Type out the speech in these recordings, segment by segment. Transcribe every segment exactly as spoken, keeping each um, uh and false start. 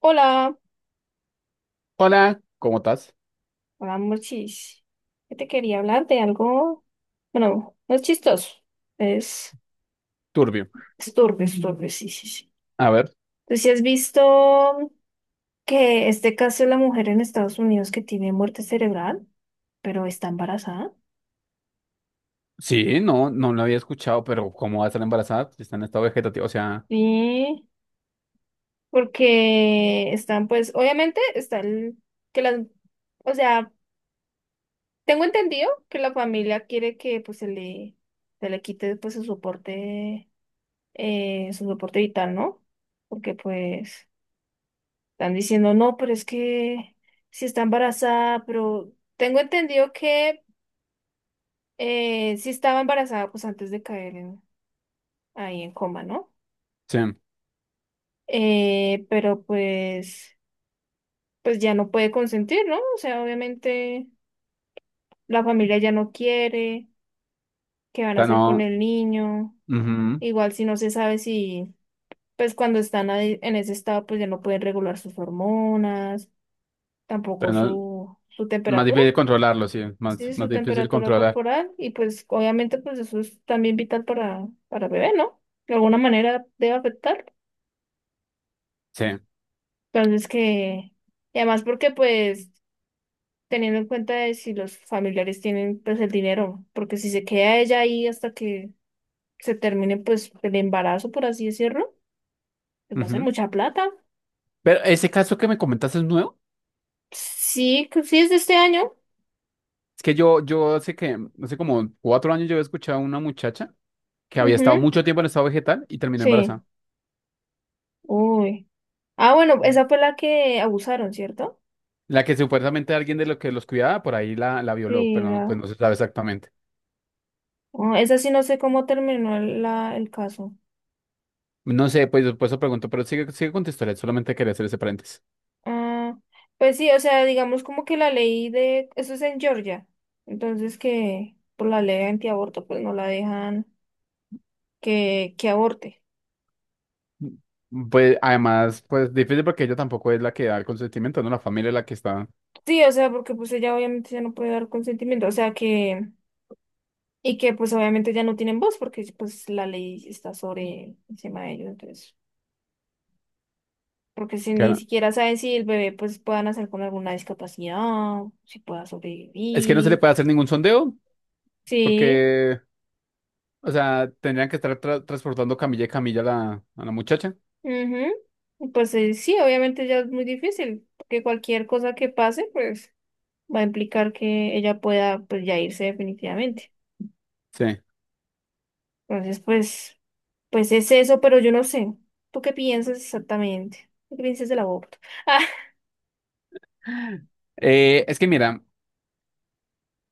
Hola, Hola, ¿cómo estás? hola Morchis. Yo te quería hablar de algo, bueno, no es chistoso, es, Turbio. es turbio, es turbio, sí, sí, sí. A ver, Tú sí has visto que este caso de la mujer en Estados Unidos que tiene muerte cerebral, pero está embarazada. sí, no, no lo había escuchado, pero ¿cómo va a estar embarazada? Si está en estado vegetativo, o sea, Sí, porque están, pues, obviamente está el, que las, o sea, tengo entendido que la familia quiere que, pues, se le, se le quite, pues, su soporte eh, su soporte vital, ¿no? Porque pues están diciendo, no, pero es que si está embarazada, pero tengo entendido que eh, si estaba embarazada, pues antes de caer en- ahí en coma, ¿no? sí, o Eh, pero pues, pues ya no puede consentir, ¿no? O sea, obviamente la familia ya no quiere, ¿qué van a sea, hacer con no, el niño? ujú, Igual si no se sabe si, pues cuando están ahí en ese estado, pues ya no pueden regular sus hormonas. pero Tampoco no- su, su más temperatura, difícil controlarlo, sí, más, sí, más su difícil temperatura controlar, corporal y pues obviamente pues eso es también vital para, para el bebé, ¿no? De alguna manera debe afectar. sí. Entonces que, y además porque pues teniendo en cuenta de si los familiares tienen pues el dinero, porque si se queda ella ahí hasta que se termine pues el embarazo, por así decirlo, pues va a ser Ujú. mucha plata. Pero ese caso que me comentaste es nuevo, Sí, que sí es de este año. es que yo, yo hace que, hace como cuatro años yo había escuchado a una muchacha que había estado Ujú, mucho tiempo en estado vegetal y terminó sí. embarazada. Uy. Ah, bueno, esa fue la que abusaron, ¿cierto? La que supuestamente alguien de los que los cuidaba por ahí la, la violó, Sí, pero no- la... pues no se sabe exactamente. Oh, esa sí no sé cómo terminó el, la, el caso. No sé, pues por eso pregunto, pero sigue, sigue con tu historia, solamente quería hacer ese paréntesis. Ah, pues sí, o sea, digamos como que la ley de... Eso es en Georgia. Entonces que por la ley antiaborto pues no la dejan que, que aborte. Pues además, pues difícil porque ella tampoco es la que da el consentimiento, ¿no? La familia es la que está. Sí, o sea, porque pues ella obviamente ya no puede dar consentimiento. O sea que... Y que pues obviamente ya no tienen voz porque pues la ley está sobre encima de ellos. Entonces, porque si ni que- siquiera saben si el bebé pues pueda nacer con alguna discapacidad, si pueda Es que no se le sobrevivir. puede hacer ningún sondeo Sí. porque, o sea, tendrían que estar tra- transportando camilla y camilla a la, a la muchacha. Ujú. Pues eh, sí, obviamente ya es muy difícil, porque cualquier cosa que pase, pues va a implicar que ella pueda pues ya irse definitivamente. Sí. Entonces, pues, pues es eso, pero yo no sé. ¿Tú qué piensas exactamente? ¿Qué piensas del aborto? Ah, Eh, es que mira,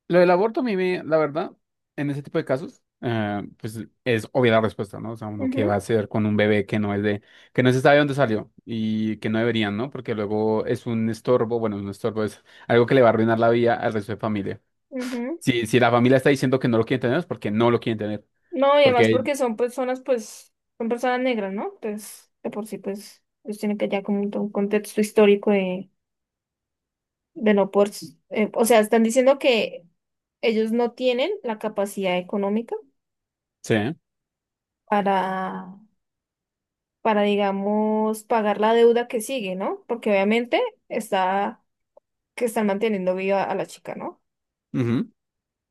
lo del aborto a mí, me- la verdad, en ese tipo de casos, eh, pues es obvia la respuesta, ¿no? O sea, uno qué va a ujú, hacer con un bebé que no es de, que no se sabe dónde salió y que no deberían, ¿no? Porque luego es un estorbo, bueno, un estorbo es algo que le va a arruinar la vida al resto de familia. ujú. Si, si la familia está diciendo que no lo quieren tener, es porque no lo quieren tener. No, y además Porque, porque son personas, pues, son personas negras, ¿no? Pues, de por sí, pues, ellos tienen que ya como un, un contexto histórico de, de no por, eh, o sea, están diciendo que ellos no tienen la capacidad económica sí, para, para, digamos, pagar la deuda que sigue, ¿no? Porque obviamente está que están manteniendo viva a la chica, ¿no? ujú,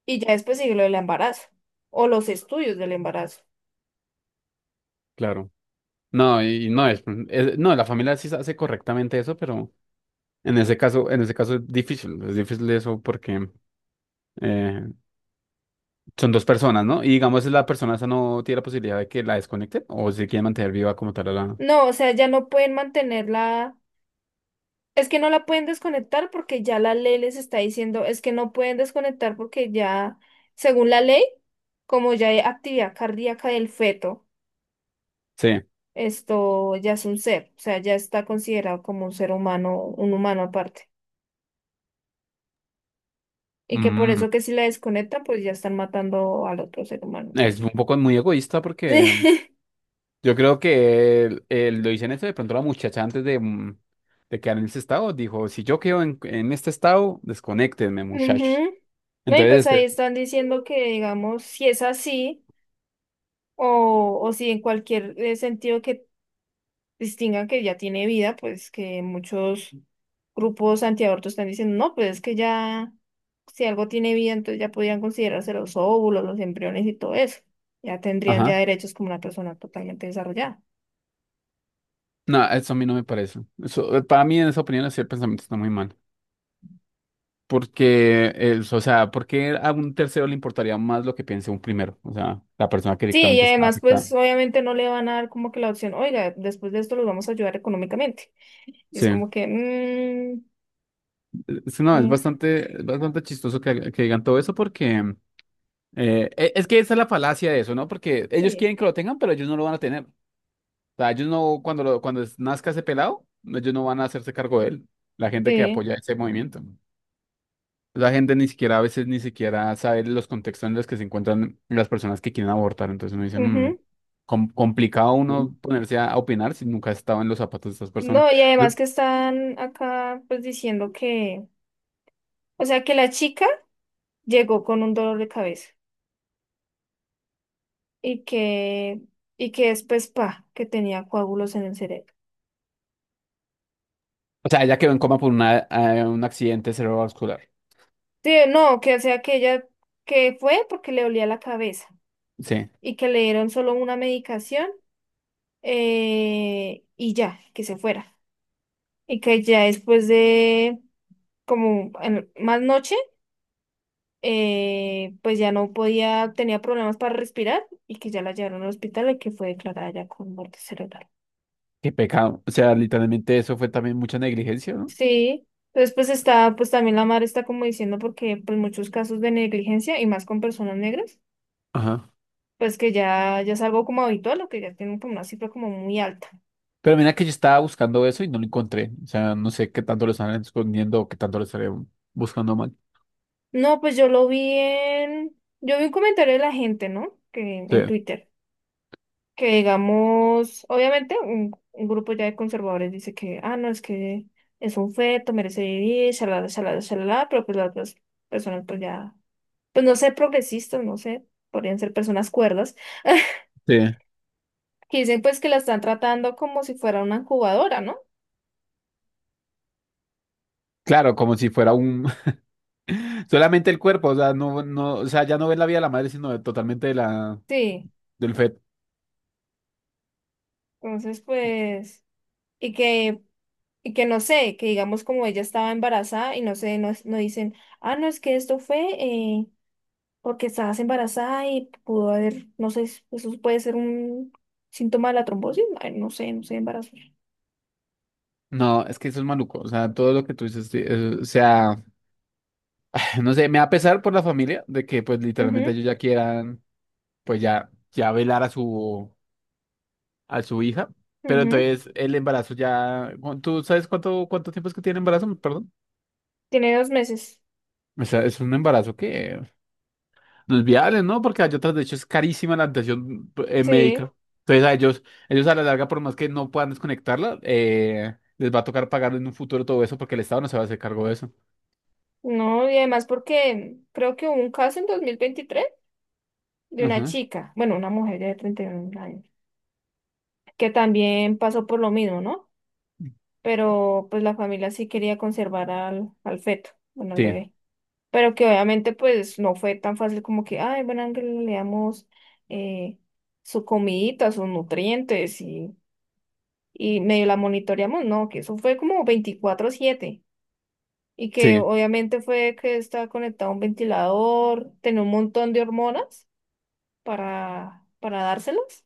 Y ya después sigue lo del embarazo o los estudios del embarazo. claro. No, y no es, es- no, la familia sí hace correctamente eso, pero en ese caso, en ese caso es difícil, es difícil eso porque... eh, son dos personas, ¿no? Y digamos, la persona esa no tiene la posibilidad de que la desconecten o si quiere mantener viva como tal a la... No, o sea, ya no pueden mantenerla. Es que no la pueden desconectar porque ya la ley les está diciendo, es que no pueden desconectar porque ya, según la ley, como ya hay actividad cardíaca del feto, Sí. esto ya es un ser, o sea, ya está considerado como un ser humano, un humano aparte. Y que por Mm, eso que si la desconectan, pues ya están matando al otro ser humano. es Entonces. un poco muy egoísta porque yo creo que el- el- lo dicen eso de pronto la muchacha antes de, mm, de quedar en ese estado dijo, si yo quedo en, en este estado, desconéctenme, Sí. muchachos. Ujú. No, y pues Entonces, ahí eh, están diciendo que, digamos, si es así, o, o si en cualquier eh, sentido que distingan que ya tiene vida, pues que muchos grupos antiaborto están diciendo, no, pues es que ya, si algo tiene vida, entonces ya podrían considerarse los óvulos, los embriones y todo eso. Ya tendrían ya ajá. derechos como una persona totalmente desarrollada. No, eso a mí no me parece. Eso, eh, para mí, en esa opinión, ese pensamiento está muy mal. Porque, es, o sea, ¿por qué a un tercero le importaría más lo que piense un primero? O sea, la persona que Sí, y directamente está además, pues afectada. obviamente no le van a dar como que la opción, oiga, después de esto los vamos a ayudar económicamente. Y es Sí, como que, mmm, es- no, es bastante, es bastante chistoso que, que digan todo eso porque eh, e- es que esa es la falacia de eso, ¿no? Porque ellos sí. quieren que lo tengan, pero ellos no lo van a tener. O sea, ellos no, cuando, lo- cuando es- nazca ese pelado, ellos no van a hacerse cargo de él, la gente que Sí, apoya ese movimiento. La gente ni siquiera, a veces ni siquiera sabe los contextos en los que se encuentran las personas que quieren abortar. Entonces uno dice, "Mm, ujú. com- complicado Sí. uno ponerse a opinar si nunca ha estado en los zapatos de estas personas. No, y además ¿No? que están acá pues diciendo que, o sea, que la chica llegó con un dolor de cabeza y que, y que después, pa, que tenía coágulos en el cerebro. O sea, ella quedó en coma por una, eh, un accidente cerebrovascular. Sí, no, que o sea que ella, que fue porque le dolía la cabeza Sí. y que le dieron solo una medicación eh, y ya, que se fuera. Y que ya después de como en- más noche, eh, pues ya no podía, tenía problemas para respirar y que ya la llevaron al hospital y que fue declarada ya con muerte cerebral. Qué pecado. O sea, literalmente eso fue también mucha negligencia, ¿no? Sí, entonces pues está, pues también la madre está como diciendo porque pues muchos casos de negligencia y más con personas negras, Ajá. pues que ya, ya es algo como habitual o que ya tienen como una cifra como muy alta. Pero mira que yo estaba buscando eso y no lo encontré. O sea, no sé qué tanto lo están escondiendo o qué tanto lo estarían buscando mal. No, pues yo lo vi en, yo vi un comentario de la gente, ¿no? Que Sí, en Twitter que digamos, obviamente un, un grupo ya de conservadores dice que, ah, no, es que es un feto, merece vivir, shalala, shalala, shalala, pero pues las otras personas pues ya, pues no sé, progresistas, no sé, podrían ser personas cuerdas, sí. que dicen pues que la están tratando como si fuera una incubadora, ¿no? Claro, como si fuera un... solamente el cuerpo, o sea, no, no, o sea, ya no ves la vida de la madre, sino de- totalmente de la, Sí, del feto. entonces pues, y que, y que no sé, que digamos como ella estaba embarazada y no sé, no, no dicen, ah, no, es que esto fue... eh, porque estabas embarazada y pudo haber, no sé, eso puede ser un síntoma de la trombosis, ay, no sé, no sé, embarazo. No, es que eso es maluco. O sea, todo lo que tú dices, sí, es- o sea, no sé, me va a pesar por la familia de que pues literalmente Ujú, ellos ya quieran, pues ya, ya velar a su... a su hija, pero ujú. entonces el embarazo ya, cu- ¿tú sabes cuánto, cuánto tiempo es que tiene embarazo? Perdón. Tiene dos meses. O sea, es un embarazo que los viales, ¿no? Porque hay otras, de hecho, es carísima la atención eh, Sí, médica. Entonces a ellos, ellos a la larga, por más que no puedan desconectarla, eh, les va a tocar pagar en un futuro todo eso porque el Estado no se va a hacer cargo de eso. no, y además porque creo que hubo un caso en dos mil veintitrés de una Ajá. chica, bueno, una mujer ya de treinta y un años, que también pasó por lo mismo, ¿no? Pero pues la familia sí quería conservar al, al feto, bueno, al Sí, bebé. Pero que obviamente pues no fue tan fácil como que, ay, bueno, Ángel, le damos eh, su comidita, sus nutrientes y, y medio la monitoreamos, no, que eso fue como veinticuatro siete y que sí. obviamente fue que estaba conectado a un ventilador, tenía un montón de hormonas para, para dárselas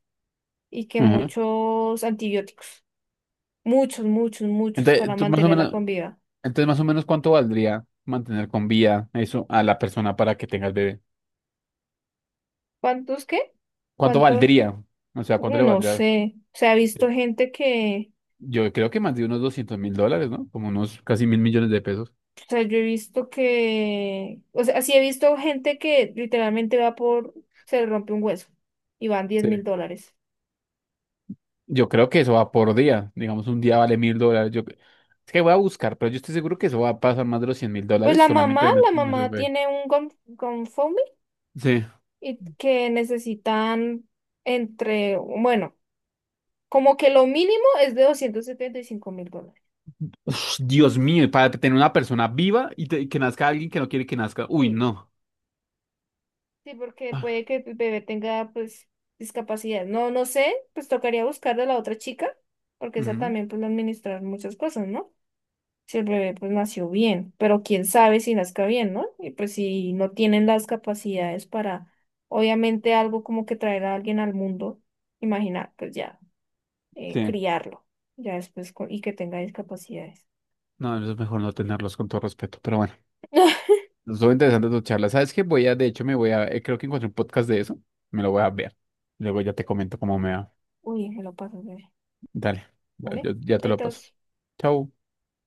y que Ajá. muchos antibióticos, muchos, muchos, muchos Entonces, para tú más o mantenerla menos, con vida. entonces, más o menos, ¿cuánto valdría mantener con vida eso a la persona para que tenga el bebé? ¿Cuántos qué? ¿Cuánto ¿Cuántos? valdría? O sea, ¿cuánto le No valdría? sé, se ha visto gente que... Yo creo que más de unos doscientos mil dólares, ¿no? Como unos casi mil millones de pesos. O sea, yo he visto que, o sea, sí he visto gente que literalmente va por, se le rompe un hueso y van diez Sí. mil dólares. Yo creo que eso va por día. Digamos, un día vale mil dólares. Yo... Es que voy a buscar, pero yo estoy seguro que eso va a pasar más de los cien mil Pues dólares la solamente mamá, en una la una mamá survey. tiene un gon- GoFundMe Sí. y que necesitan entre, bueno, como que lo mínimo es de doscientos setenta y cinco mil dólares. Uf, Dios mío, y para tener una persona viva y, te- y que nazca alguien que no quiere que nazca. Uy, Sí, no. sí, porque puede que el bebé tenga pues discapacidad. No, no sé, pues tocaría buscar de la otra chica, porque esa Ujú. también pues administrar muchas cosas, ¿no? Si el bebé pues nació bien, pero quién sabe si nazca bien, ¿no? Y pues si no tienen las capacidades para, obviamente algo como que traer a alguien al mundo, imaginar, pues ya, eh, Sí. criarlo, ya después, co- y que tenga discapacidades. No, eso es mejor no tenerlos con todo respeto, pero bueno. Estuvo interesante tu charla. ¿Sabes qué? Voy a, de hecho, me voy a, eh, creo que encontré un podcast de eso. Me lo voy a ver. Luego ya te comento cómo me va. Uy, me lo paso, bebé, Dale, ¿vale? yo- ya te lo Chaitos. paso. Chau.